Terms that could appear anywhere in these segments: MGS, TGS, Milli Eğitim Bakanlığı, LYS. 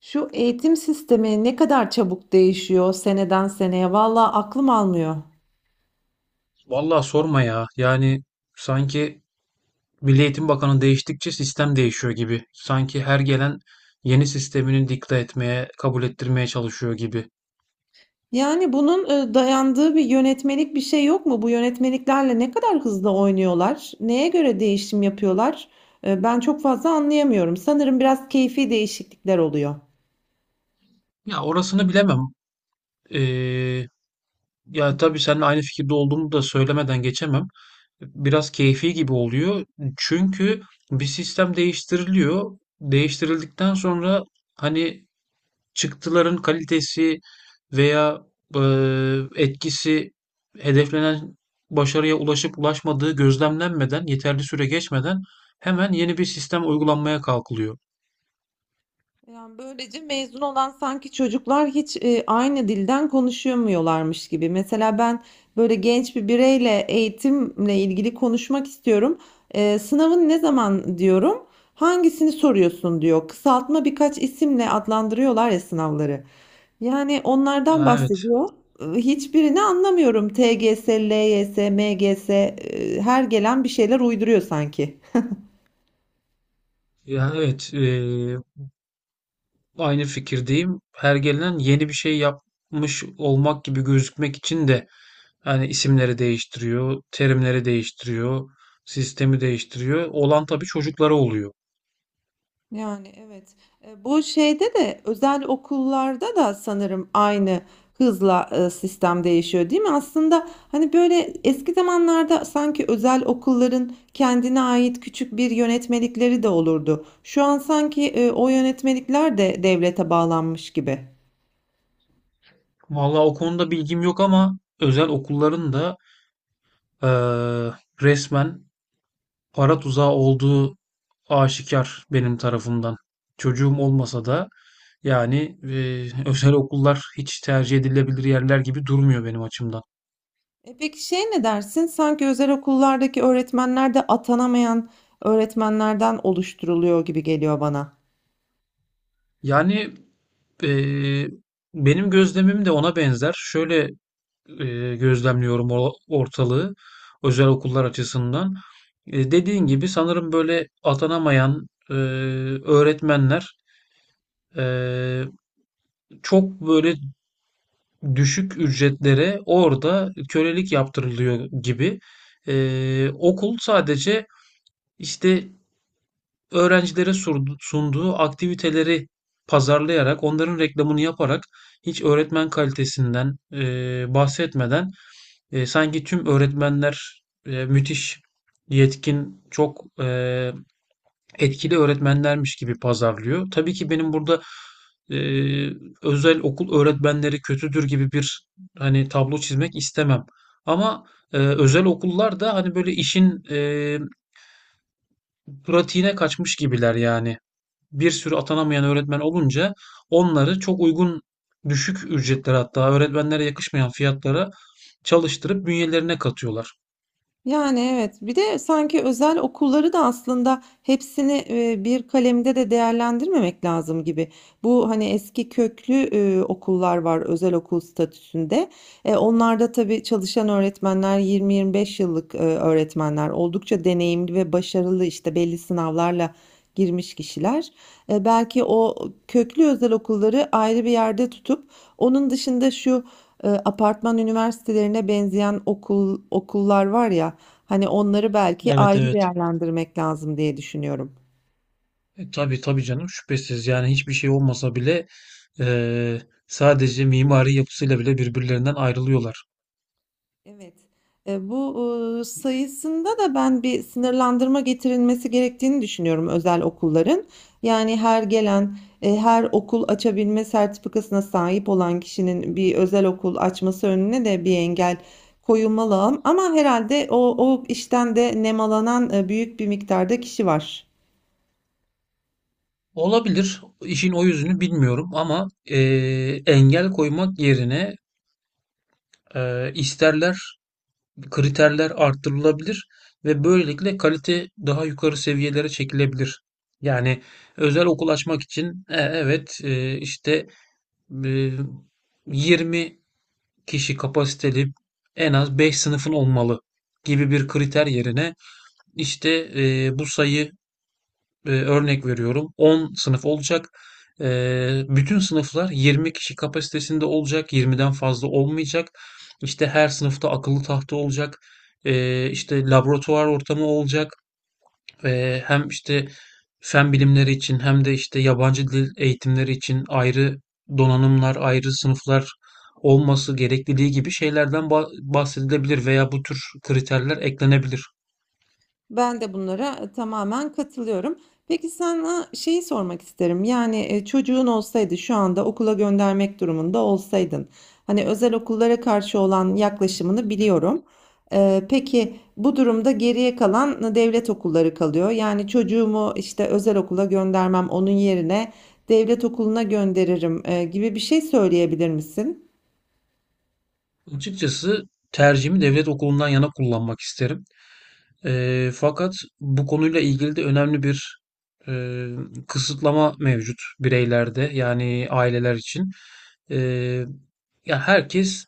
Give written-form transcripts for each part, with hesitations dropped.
Şu eğitim sistemi ne kadar çabuk değişiyor seneden seneye. Vallahi aklım almıyor. Vallahi sorma ya. Yani sanki Milli Eğitim Bakanı değiştikçe sistem değişiyor gibi. Sanki her gelen yeni sistemini dikte etmeye, kabul ettirmeye çalışıyor gibi. Yani bunun dayandığı bir yönetmelik bir şey yok mu? Bu yönetmeliklerle ne kadar hızlı oynuyorlar? Neye göre değişim yapıyorlar? Ben çok fazla anlayamıyorum. Sanırım biraz keyfi değişiklikler oluyor. Ya orasını bilemem. Ee, Ya tabii seninle aynı fikirde olduğumu da söylemeden geçemem. Biraz keyfi gibi oluyor. Çünkü bir sistem değiştiriliyor. Değiştirildikten sonra hani çıktıların kalitesi veya etkisi hedeflenen başarıya ulaşıp ulaşmadığı gözlemlenmeden, yeterli süre geçmeden hemen yeni bir sistem uygulanmaya kalkılıyor. Yani böylece mezun olan sanki çocuklar hiç aynı dilden konuşamıyorlarmış gibi. Mesela ben böyle genç bir bireyle eğitimle ilgili konuşmak istiyorum. Sınavın ne zaman diyorum? Hangisini soruyorsun diyor. Kısaltma birkaç isimle adlandırıyorlar ya sınavları. Yani onlardan Ya evet, bahsediyor. Hiçbirini anlamıyorum. TGS, LYS, MGS, her gelen bir şeyler uyduruyor sanki. ya evet, eee, aynı fikirdeyim. Her gelen yeni bir şey yapmış olmak gibi gözükmek için de yani isimleri değiştiriyor, terimleri değiştiriyor, sistemi değiştiriyor. Olan tabii çocuklara oluyor. Yani evet. Bu şeyde de özel okullarda da sanırım aynı hızla sistem değişiyor, değil mi? Aslında hani böyle eski zamanlarda sanki özel okulların kendine ait küçük bir yönetmelikleri de olurdu. Şu an sanki o yönetmelikler de devlete bağlanmış gibi. Vallahi o konuda bilgim yok ama özel okulların da eee, resmen para tuzağı olduğu aşikar benim tarafımdan. Çocuğum olmasa da yani özel okullar hiç tercih edilebilir yerler gibi durmuyor benim açımdan. E peki şey ne dersin? Sanki özel okullardaki öğretmenler de atanamayan öğretmenlerden oluşturuluyor gibi geliyor bana. Yani eee, benim gözlemim de ona benzer. Şöyle gözlemliyorum ortalığı özel okullar açısından. E, dediğin gibi sanırım böyle atanamayan öğretmenler e, çok böyle düşük ücretlere orada kölelik yaptırılıyor gibi. E, okul sadece işte öğrencilere sunduğu aktiviteleri pazarlayarak, onların reklamını yaparak hiç öğretmen kalitesinden bahsetmeden, E, sanki tüm öğretmenler müthiş yetkin, çok etkili öğretmenlermiş gibi pazarlıyor. Tabii ki benim burada e, özel okul öğretmenleri kötüdür gibi bir hani tablo çizmek istemem. Ama özel okullar da hani böyle işin pratiğine kaçmış gibiler yani. Bir sürü atanamayan öğretmen olunca onları çok uygun düşük ücretlere hatta öğretmenlere yakışmayan fiyatlara çalıştırıp bünyelerine katıyorlar. Yani evet. Bir de sanki özel okulları da aslında hepsini bir kalemde de değerlendirmemek lazım gibi. Bu hani eski köklü okullar var özel okul statüsünde. Onlarda tabii çalışan öğretmenler 20-25 yıllık öğretmenler oldukça deneyimli ve başarılı işte belli sınavlarla girmiş kişiler. Belki o köklü özel okulları ayrı bir yerde tutup onun dışında şu apartman üniversitelerine benzeyen okul okullar var ya hani onları belki Evet ayrı evet. değerlendirmek lazım diye düşünüyorum. E, tabii tabii canım şüphesiz. Yani hiçbir şey olmasa bile e, sadece mimari yapısıyla bile birbirlerinden ayrılıyorlar. Evet. E, bu sayısında da ben bir sınırlandırma getirilmesi gerektiğini düşünüyorum özel okulların. Yani her gelen, her okul açabilme sertifikasına sahip olan kişinin bir özel okul açması önüne de bir engel koyulmalı ama herhalde o işten de nemalanan büyük bir miktarda kişi var. Olabilir. İşin o yüzünü bilmiyorum ama engel koymak yerine isterler, kriterler arttırılabilir ve böylelikle kalite daha yukarı seviyelere çekilebilir. Yani özel okul açmak için evet işte e, 20 kişi kapasiteli en az 5 sınıfın olmalı gibi bir kriter yerine işte bu sayı, örnek veriyorum, 10 sınıf olacak. E, bütün sınıflar 20 kişi kapasitesinde olacak, 20'den fazla olmayacak. İşte her sınıfta akıllı tahta olacak. E, işte laboratuvar ortamı olacak. Hem işte fen bilimleri için hem de işte yabancı dil eğitimleri için ayrı donanımlar, ayrı sınıflar olması gerekliliği gibi şeylerden bahsedilebilir veya bu tür kriterler eklenebilir. Ben de bunlara tamamen katılıyorum. Peki sana şeyi sormak isterim. Yani çocuğun olsaydı şu anda okula göndermek durumunda olsaydın. Hani özel okullara karşı olan yaklaşımını biliyorum. Peki bu durumda geriye kalan devlet okulları kalıyor. Yani çocuğumu işte özel okula göndermem onun yerine devlet okuluna gönderirim gibi bir şey söyleyebilir misin? Açıkçası tercihimi devlet okulundan yana kullanmak isterim. Fakat bu konuyla ilgili de önemli bir eee, kısıtlama mevcut bireylerde, yani aileler için. Eee, Ya herkes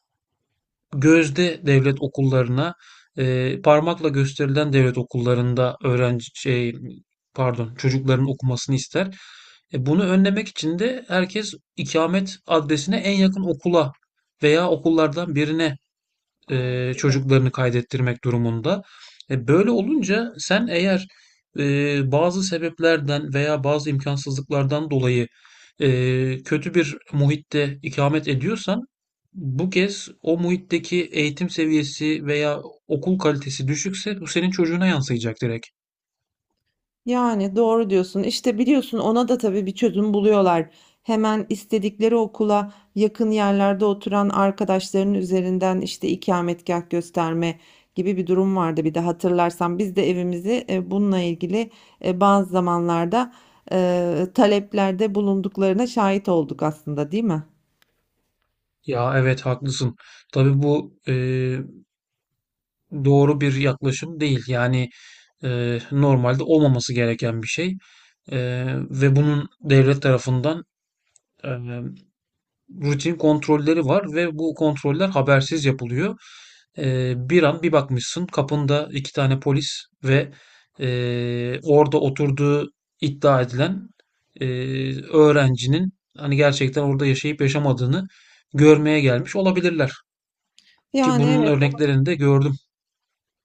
gözde devlet okullarına, parmakla gösterilen devlet okullarında öğrenci şey pardon çocukların okumasını ister. E, bunu önlemek için de herkes ikamet adresine en yakın okula veya okullardan birine Aa. Çocuklarını kaydettirmek durumunda. E, böyle olunca sen eğer bazı sebeplerden veya bazı imkansızlıklardan dolayı kötü bir muhitte ikamet ediyorsan, bu kez o muhitteki eğitim seviyesi veya okul kalitesi düşükse bu senin çocuğuna yansıyacak direkt. Yani doğru diyorsun. İşte biliyorsun ona da tabii bir çözüm buluyorlar. Hemen istedikleri okula yakın yerlerde oturan arkadaşlarının üzerinden işte ikametgah gösterme gibi bir durum vardı. Bir de hatırlarsan biz de evimizi bununla ilgili bazı zamanlarda taleplerde bulunduklarına şahit olduk aslında, değil mi? Ya evet, haklısın. Tabii bu doğru bir yaklaşım değil. Yani normalde olmaması gereken bir şey. E, ve bunun devlet tarafından e, rutin kontrolleri var ve bu kontroller habersiz yapılıyor. E, bir an bir bakmışsın kapında 2 tane polis ve orada oturduğu iddia edilen e, öğrencinin hani gerçekten orada yaşayıp yaşamadığını görmeye gelmiş olabilirler. Ki Yani bunun evet. örneklerini de gördüm.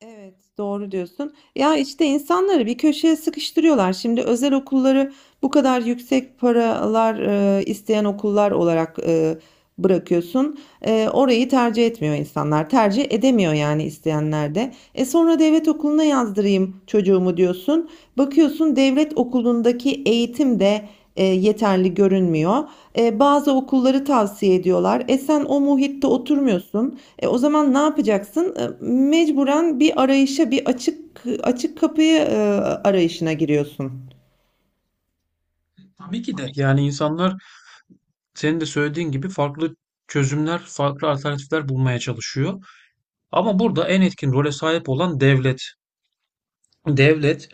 Evet, doğru diyorsun. Ya işte insanları bir köşeye sıkıştırıyorlar. Şimdi özel okulları bu kadar yüksek paralar isteyen okullar olarak bırakıyorsun. Orayı tercih etmiyor insanlar. Tercih edemiyor yani isteyenler de. E sonra devlet okuluna yazdırayım çocuğumu diyorsun. Bakıyorsun devlet okulundaki eğitim de yeterli görünmüyor. Bazı okulları tavsiye ediyorlar. E sen o muhitte oturmuyorsun. O zaman ne yapacaksın? Mecburen bir arayışa, bir açık kapıyı arayışına giriyorsun. Tabii ki de, yani insanlar senin de söylediğin gibi farklı çözümler, farklı alternatifler bulmaya çalışıyor. Ama burada en etkin role sahip olan devlet. Devlet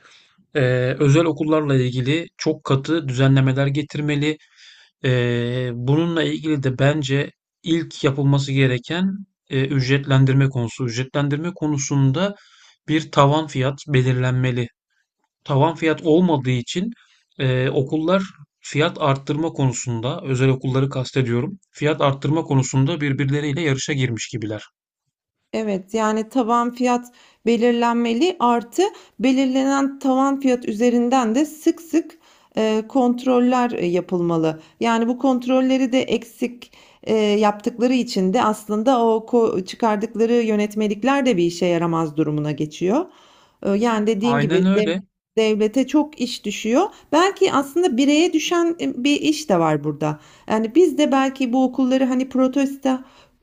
Özel okullarla ilgili çok katı düzenlemeler getirmeli. Bununla ilgili de bence ilk yapılması gereken ücretlendirme konusu. Ücretlendirme konusunda bir tavan fiyat belirlenmeli. Tavan fiyat olmadığı için okullar fiyat arttırma konusunda, özel okulları kastediyorum, fiyat arttırma konusunda birbirleriyle yarışa girmiş gibiler. Evet yani tavan fiyat belirlenmeli artı belirlenen tavan fiyat üzerinden de sık sık kontroller yapılmalı. Yani bu kontrolleri de eksik yaptıkları için de aslında o ko- çıkardıkları yönetmelikler de bir işe yaramaz durumuna geçiyor. Yani dediğin gibi Aynen öyle. devlete çok iş düşüyor. Belki aslında bireye düşen bir iş de var burada. Yani biz de belki bu okulları hani protesto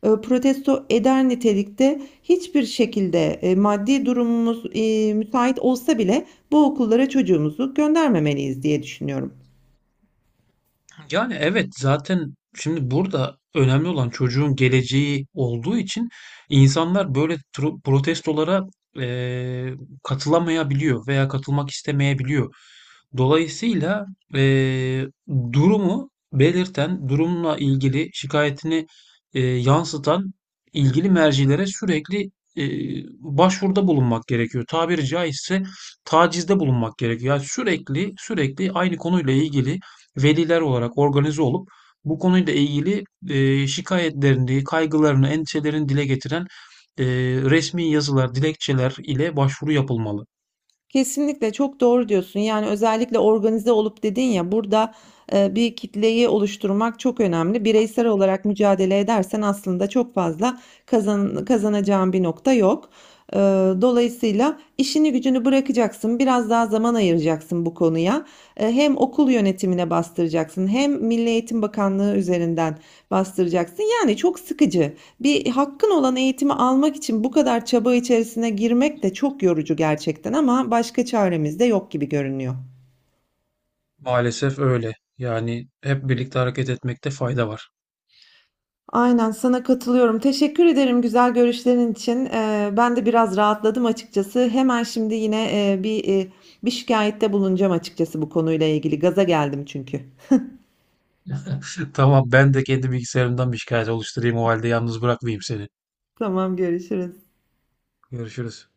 e, protesto eder nitelikte hiçbir şekilde maddi durumumuz müsait olsa bile bu okullara çocuğumuzu göndermemeliyiz diye düşünüyorum. Yani evet, zaten şimdi burada önemli olan çocuğun geleceği olduğu için insanlar böyle protestolara eee, katılamayabiliyor veya katılmak istemeyebiliyor. Dolayısıyla eee, durumu belirten, durumla ilgili şikayetini yansıtan ilgili mercilere sürekli başvuruda bulunmak gerekiyor. Tabiri caizse tacizde bulunmak gerekiyor. Yani sürekli aynı konuyla ilgili veliler olarak organize olup bu konuyla ilgili şikayetlerini, kaygılarını, endişelerini dile getiren e, resmi yazılar, dilekçeler ile başvuru yapılmalı. Kesinlikle çok doğru diyorsun. Yani özellikle organize olup dedin ya burada bir kitleyi oluşturmak çok önemli. Bireysel olarak mücadele edersen aslında çok fazla kazanacağın bir nokta yok. Ee, Dolayısıyla işini gücünü bırakacaksın, biraz daha zaman ayıracaksın bu konuya. Hem okul yönetimine bastıracaksın, hem Milli Eğitim Bakanlığı üzerinden bastıracaksın. Yani çok sıkıcı. Bir hakkın olan eğitimi almak için bu kadar çaba içerisine girmek de çok yorucu gerçekten ama başka çaremiz de yok gibi görünüyor. Maalesef öyle. Yani hep birlikte hareket etmekte fayda var. Aynen sana katılıyorum. Teşekkür ederim güzel görüşlerin için. Ben de biraz rahatladım açıkçası. Hemen şimdi yine bir şikayette bulunacağım açıkçası bu konuyla ilgili. Gaza geldim çünkü. Tamam, ben de kendi bilgisayarımdan bir şikayet oluşturayım o halde, yalnız bırakmayayım seni. Tamam görüşürüz. Görüşürüz.